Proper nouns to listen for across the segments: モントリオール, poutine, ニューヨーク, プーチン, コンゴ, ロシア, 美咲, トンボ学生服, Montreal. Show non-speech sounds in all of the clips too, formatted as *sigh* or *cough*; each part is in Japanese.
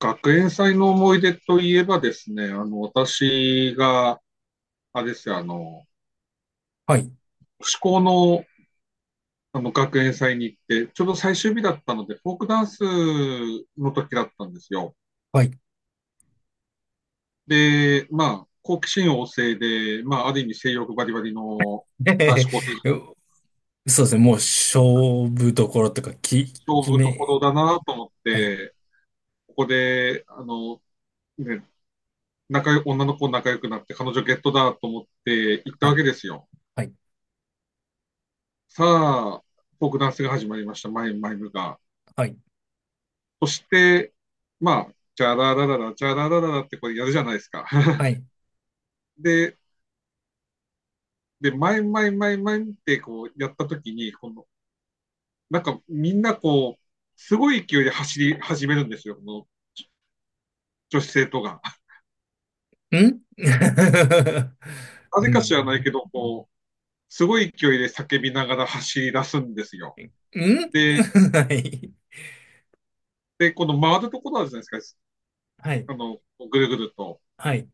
学園祭の思い出といえばですね、私が、あれですよ、はい、志向の、学園祭に行って、ちょうど最終日だったので、フォークダンスの時だったんですよ。はい。で、まあ、好奇心旺盛で、まあ、ある意味性欲バリバリの *laughs* えへ男へ子校生、へそうですね、もう勝負どころとか、き、勝決負とこめ、ろだなと思っはい、て、ここで、ね、女の子仲良くなって、彼女ゲットだと思って行ったはわい、けですよ。はい、さあ、フォークダンスが始まりました、マイムマイムが。はい、そして、まあ、チャララララ、チャララララってこれやるじゃないですか。は *laughs* い。ん で、で、前前前前ってこうやったときに、この、なんかみんなこう、すごい勢いで走り始めるんですよ、この女子生徒が。*laughs* なうぜか知ん、らないけん ど、こう、すごい勢いで叫びながら走り出すんですよ。*laughs* で、はい、で、この回るところあるじゃないですか、はい、あの、ぐるぐると。はい、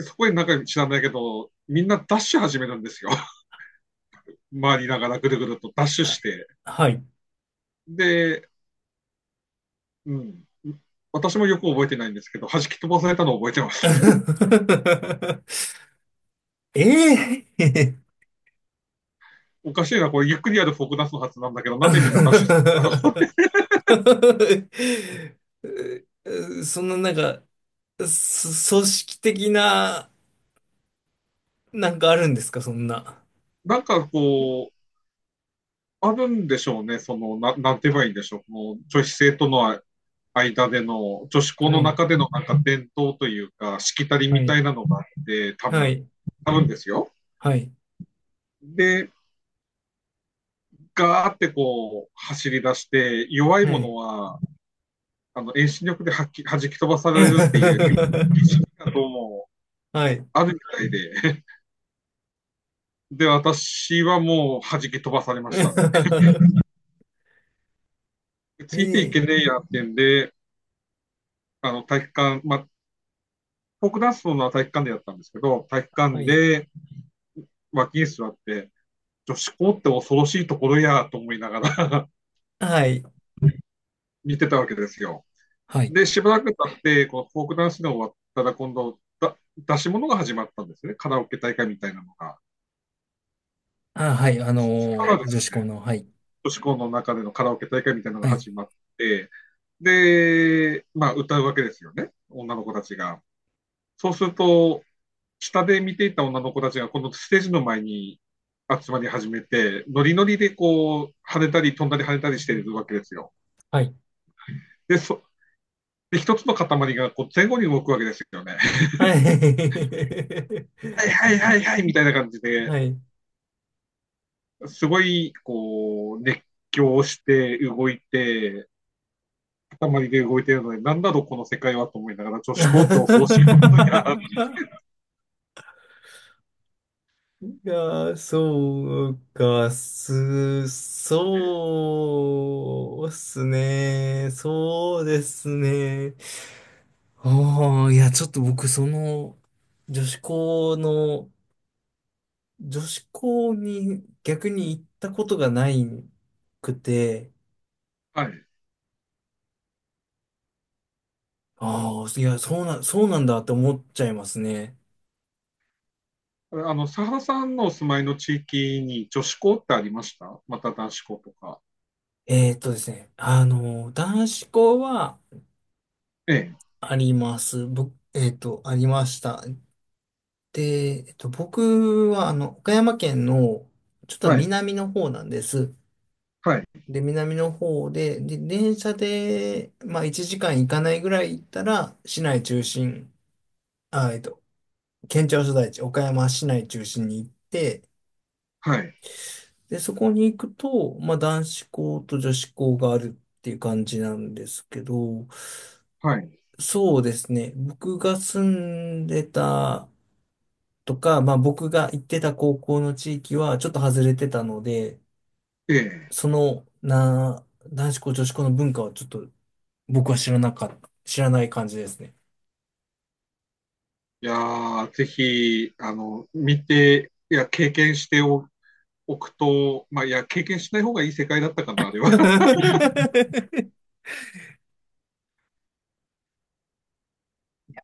そこになんか知らないけど、みんなダッシュ始めるんですよ。*laughs* 回りながらぐるぐるとダッシュあして。はい。で、うん。私もよく覚えてないんですけど、弾き飛ばされたのを覚えてます。*laughs* ええ おかしいな、これゆっくりやるフォークダンスのはずなんだけど、なんでみんなダッシュす、あの *laughs* そんななんか、そ組織的な、なんかあるんですか、そんな。なんかこう、あるんでしょうね、その、なんて言えばいいんでしょう、この女子生徒の間での、女子校はのい中でのなんか伝統というか、しきたりはみたい。いなのがあって、多は分、い。多分ですよ。はい。で、ガーってこう、走り出して、弱いはものい。は、遠心力ではっき弾き飛ばされるっていう、*laughs* どうも、はい。あるみたいで。で、私はもう弾き飛ばされましたね。*laughs* ついえていけねーえやってんで、体育館、まあ、フォークダンスのは体育館でやったんですけど、体育は館い。で脇に座って、女子校って恐ろしいところやと思いながら はい。*laughs* 見てたわけですよ。はい。で、しばらく経って、このフォークダンスが終わったら今度、出し物が始まったんですね。カラオケ大会みたいなのが。あ、はい。そしたらで女す子校ね、の、はい。女子校の中でのカラオケ大会みたいなのがはい。始まって、で、まあ歌うわけですよね。女の子たちが。そうすると、下で見ていた女の子たちがこのステージの前に集まり始めて、ノリノリでこう、跳ねたり飛んだり跳ねたりしているわけですよ。はい。で、そで一つの塊がこう前後に動くわけですよね。*laughs* はい。はいはいはいはいみたいな感じ *laughs* で、はい。すごいこう、熱狂して動いて、塊で動いているので、なんだろうこの世界はと思いながら、女子校って恐ろしいことにあ *laughs* いやー、そうか、す、*laughs* そうっすね。そうですね。ああ、いや、ちょっと僕、その、女子校の、女子校に逆に行ったことがないくて、はい。ああ、いや、そうな、そうなんだって思っちゃいますね。佐原さんのお住まいの地域に女子校ってありましたまた男子校とか。ですね、男子校はええ、あります。僕、えーっと、ありました。で、えっと、僕は、あの、岡山県の、ちょっとはい、南の方なんです。はい、で、南の方で、で、電車で、まあ、1時間行かないぐらい行ったら、市内中心、あ、えっと、県庁所在地、岡山市内中心に行って、はい、で、そこに行くと、まあ、男子校と女子校があるっていう感じなんですけど、はい、そうですね。僕が住んでたとか、まあ、僕が行ってた高校の地域はちょっと外れてたので、ええ。その、な、男子校、女子校の文化はちょっと僕は知らなかった、知らない感じですね。いやー、ぜひ、見て、いや、経験してお、おくと、まあ、いや、経験しない方がいい世界だったかな、あれは。*laughs*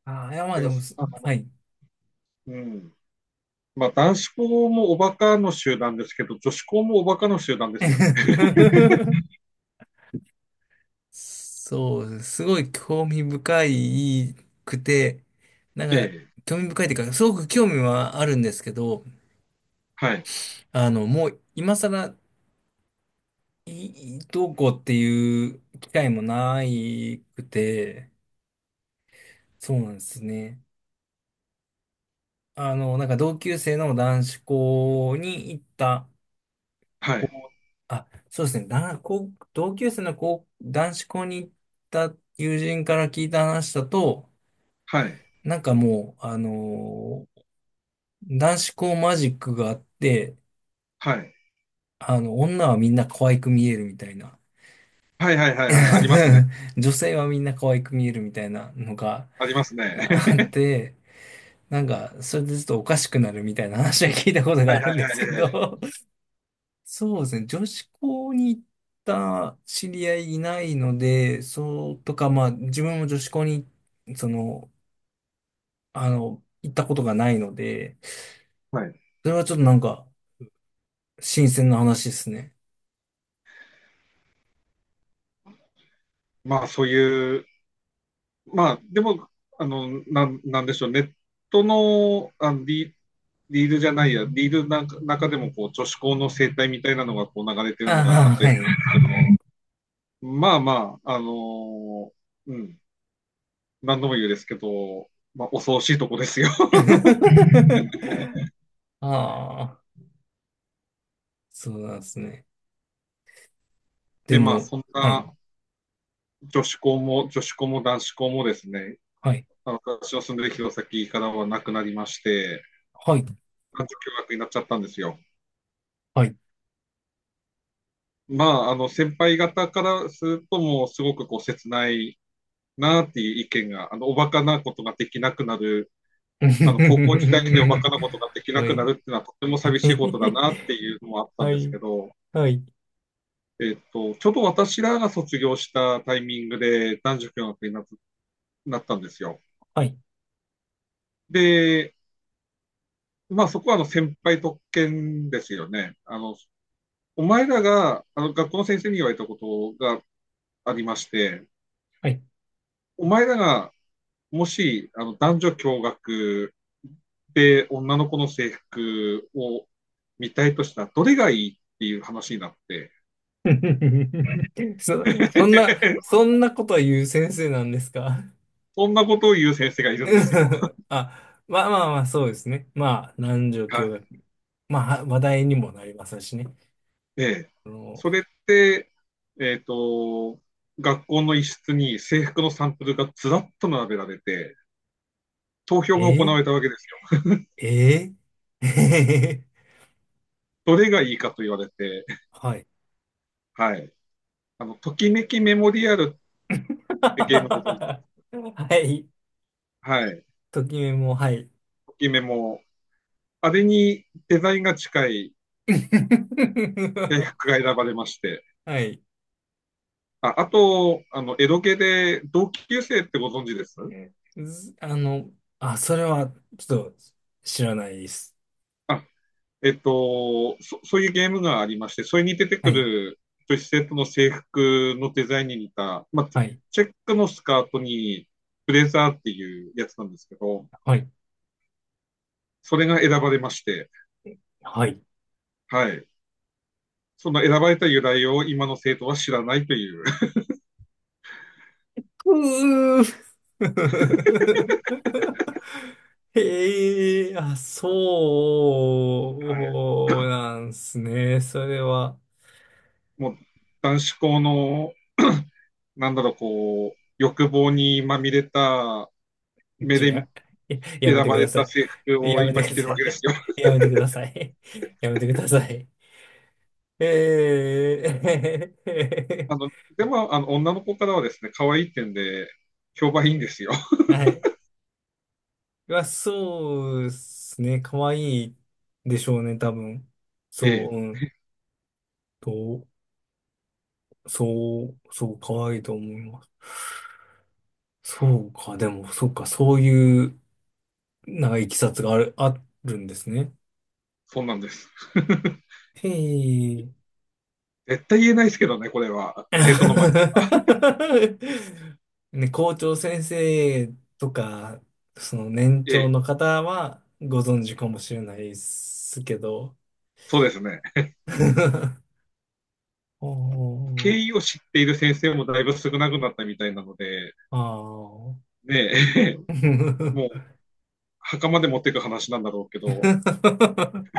ああ、いや、まあ *laughs* いでやもす、あはの、い。うん。まあ、男子校もおバカの集団ですけど、女子校もおバカの集団ですよね。*laughs* そうす。ごい興味深いくて、なえんか、え、興味深いっていうか、すごく興味はあるんですけど、*laughs* はい、あの、もう今更、いいどうこうっていう機会もないくて、そうなんですね。あの、なんか同級生の男子校に行ったはい、子、あ、そうですね、だ、こう同級生の子、男子校に行った友人から聞いた話だと、はい、なんかもう、あの男子校マジックがあって、はい、あの、女はみんな可愛く見えるみたいな。はい、はい、はい、はい、ありますね。*laughs* 女性はみんな可愛く見えるみたいなのがありますね。あっ *laughs* て、なんか、それでちょっとおかしくなるみたいな話は聞いたことはがい、あるはんでい、すはけい、はい。ど、*laughs* そうですね、女子校に行った知り合いいないので、そうとか、まあ、自分も女子校に、その、あの、行ったことがないので、はいそれはちょっとなんか、新鮮な話ですね。まあ、そういう、まあ、でも、なんでしょう、ネットの、リールじゃないや、リールなんか中でも、こう、女子校の生態みたいなのが、こう、流れてるのがああっあ、たはり、い。まあまあ、うん、何度も言うですけど、まあ、恐ろしいとこですよ。*laughs* *laughs* ああ、そうなんですね。でで、まあ、も、そんはい、な女子校も、女子校も男子校もですね、はい、私の住んでる弘前からはなくなりまして、はい、男女共学になっちゃったんですよ。はい。まあ、先輩方からすると、もうすごくこう切ないなっていう意見が、おバカなことができなくなる、*laughs* 高校時代でおバカなことができなはくない、るっていうのはとても *laughs* 寂しはいことだい、なっていうのもあったんはですけい、ど、ちょうど私らが卒業したタイミングで男女共学になったんですよ。はい、で、まあそこは先輩特権ですよね。お前らが、学校の先生に言われたことがありまして、はい。お前らがもし、男女共学で、女の子の制服を見たいとしたらどれがいいっていう話になって、*laughs* そ、そんな、そ *laughs* んなことは言う先生なんですか？ そんなことを言う先生がいるんですよ。*laughs* あ、まあまあまあ、そうですね。まあ、何状 *laughs* は況い。学。まあ、話題にもなりますしね。で、あの、それって、えっ、と、学校の一室に制服のサンプルがずらっと並べられて、投票が行えわれたわけですよ。えええ どれがいいかと言われて、*laughs* はい。*laughs* はい。ときめきメモリアルっ *laughs* てゲームご存知ではい。すかはい。ときめも、はい。ときメモ。あれにデザインが近い制 *laughs* 服が選ばれまして、はい。あ、あと、エドゲで同級生ってご存知ですずあの、あ、それは、ちょっと、知らないです。あ、そういうゲームがありまして、それに出てはくい。る女子生徒の制服のデザインに似た、まあ、はい。チェックのスカートにブレザーっていうやつなんですけど、はい。それが選ばれまして、はい。はい。その選ばれた由来を今の生徒は知らないという、*laughs* はい。うー *laughs* へえ、あ、そうなんすね。それは、もう男子校の、なんだろう、こう、欲望にまみれた目ちょ、でや、ややめ選てばくだれさた制服い。をやめて今く着だてるさわけですい。よ。やめてください。やめてください。ええ あの、でも、女の子からはですね、可愛い点で、評判いいんですよ。*laughs* はい。まあ、そうですね。可愛いでしょうね、多分。*laughs* えそえ、う、うん。と、そう、そう、可愛いと思います。そうか、でも、そうか、そういう、なんか、いきさつがある、あるんですね。そうなんです。*laughs* へえ。絶対言えないですけどね、これは。生徒の前。*laughs* ね、校長先生とか、その年え長え、の方はご存知かもしれないですけど、そうですね。*laughs* お経ー、緯を知っている先生もだいぶ少なくなったみたいなので、ああ。ねえ、*laughs* もう、袴で持っていく話なんだろうけど、*laughs*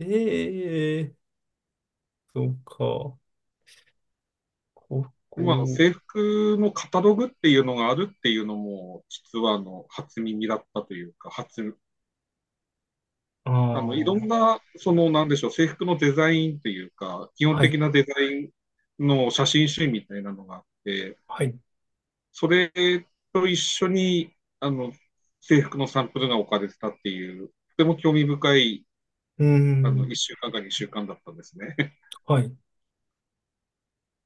ええそうか。こ今のこ、制服のカタログっていうのがあるっていうのも、実は初耳だったというか、初ああ、あの、いろんはな、その、なんでしょう、制服のデザインというか、基本い、的なデザインの写真集みたいなのがあって、はい。それと一緒に、制服のサンプルが置かれてたっていう、とても興味深い、うーん、1週間か2週間だったんですね。*laughs* はい、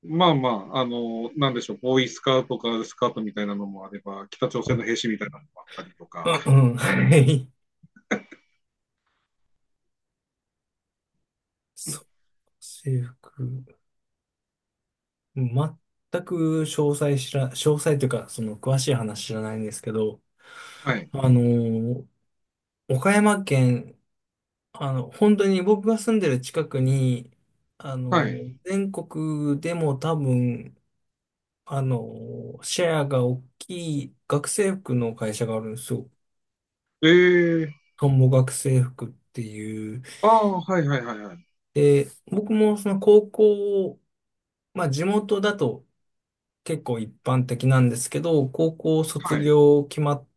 まあまあ、なんでしょう、ボーイスカートかスカートみたいなのもあれば、北朝は鮮い。の兵士みたいなのもあったりとうか、ん、*laughs* うん、はい。そう、制服。全く詳細知ら、詳細というか、その詳しい話知らないんですけど、はい、あのー岡山県本当に僕が住んでる近くに、あはの、い。全国でも多分、あの、シェアが大きい学生服の会社があるんですよ。えートンボ学生服っていう。ああ、はいはいはいはい。で、僕もその高校、まあ地元だと結構一般的なんですけど、高校卒はい、業決まっ、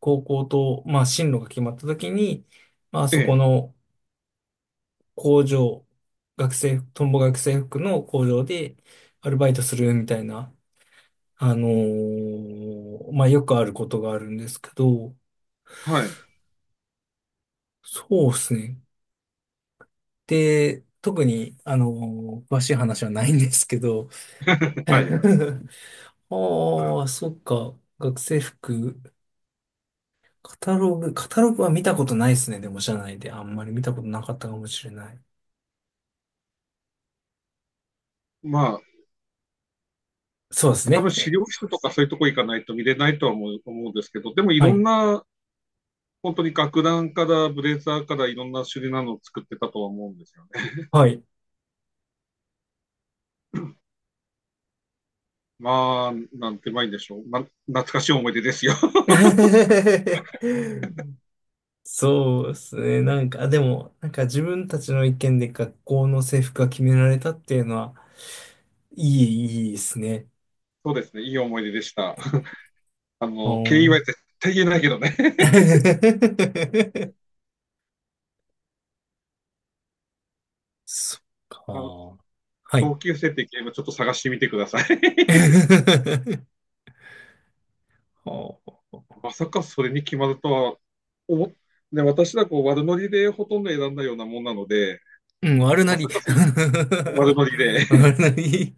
高校と、まあ進路が決まった時に、まあえそこえの工場、学生、トンボ学生服の工場でアルバイトするみたいな、まあ、よくあることがあるんですけど、はい、そうですね。で、特に、詳しい話はないんですけど、*laughs* あはい。あ、そっか。学生服、カタログ、カタログは見たことないですね。でも社内であんまり見たことなかったかもしれない。まあ、そうです多ね。分資料室とかそういうとこ行かないと見れないとは思うんですけど、でもいはろんい。な、本当に楽団からブレザーからいろんな種類なのを作ってたとは思うんですよね。はい。まあ、なんてまいんでしょう。まあ、懐かしい思い出ですよ。*laughs* *laughs* そうですね。なんか、でも、なんか自分たちの意見で学校の制服が決められたっていうのは、いい、いいですね。そうですね、いい思い出でした。*laughs* 経緯おー は絶対言えないけどね。*laughs* *laughs* そっあのか。はい。同級生ってゲームちょっと探してみてください。*laughs* *laughs* はあまさかそれに決まるとは思っね、私はこう悪ノリでほとんど選んだようなもんなので、うん、悪なまさり。かそういう悪ノリ *laughs* で悪なり。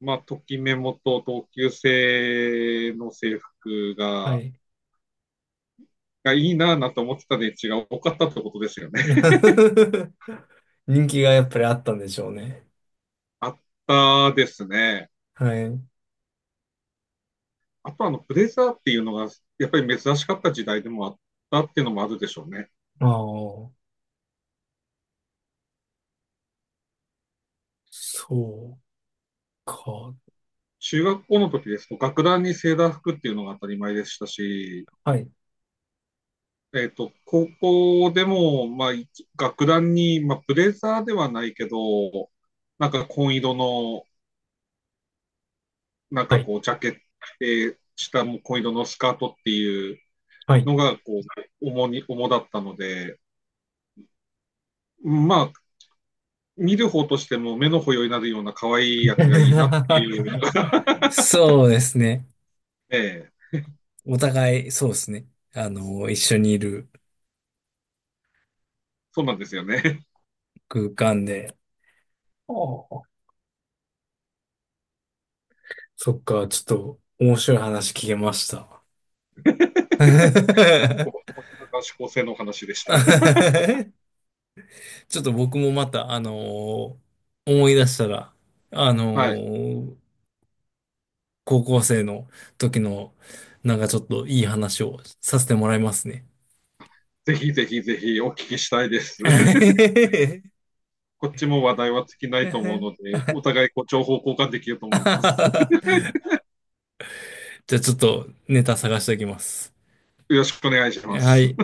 まあ、ときメモと同級生の制服はが、い。いいなぁなと思ってたで池が多かったってことですよね。*laughs* 人気がやっぱりあったんでしょうね。*laughs* あったですね。はい。あとブレザーっていうのが、やっぱり珍しかった時代でもあったっていうのもあるでしょうね。ああ、そうか。中学校の時ですと、学ランにセーラー服っていうのが当たり前でしたし、はい。高校でも、まあ、学ランに、まあ、ブレザーではないけど、なんか紺色のなんはかい。こう、ジャケットで、下も紺色のスカートっていうはい。のが、こう、主だったので、まあ、見る方としても目の保養になるような可愛いやつがいいなって *laughs* いうのが、*laughs* そうですね。ええ、お互い、そうですね。あの、一緒にいるそうなんですよね。空間で。ああそっか、ちょっと面白い話聞けました。*laughs* ここが指向性の話でした。*laughs* ちょっと僕もまた、ー思い出したら、あのはい。ー高校生の時の、なんかちょっといい話をさせてもらいますね。ぜひぜひぜひお聞きしたいです。*laughs* *laughs* じこっちも話題は尽きないと思うので、お互いこう情報交換できると思います。ゃあちょっとネタ探しておきます。よろしくお願いしまはす。い。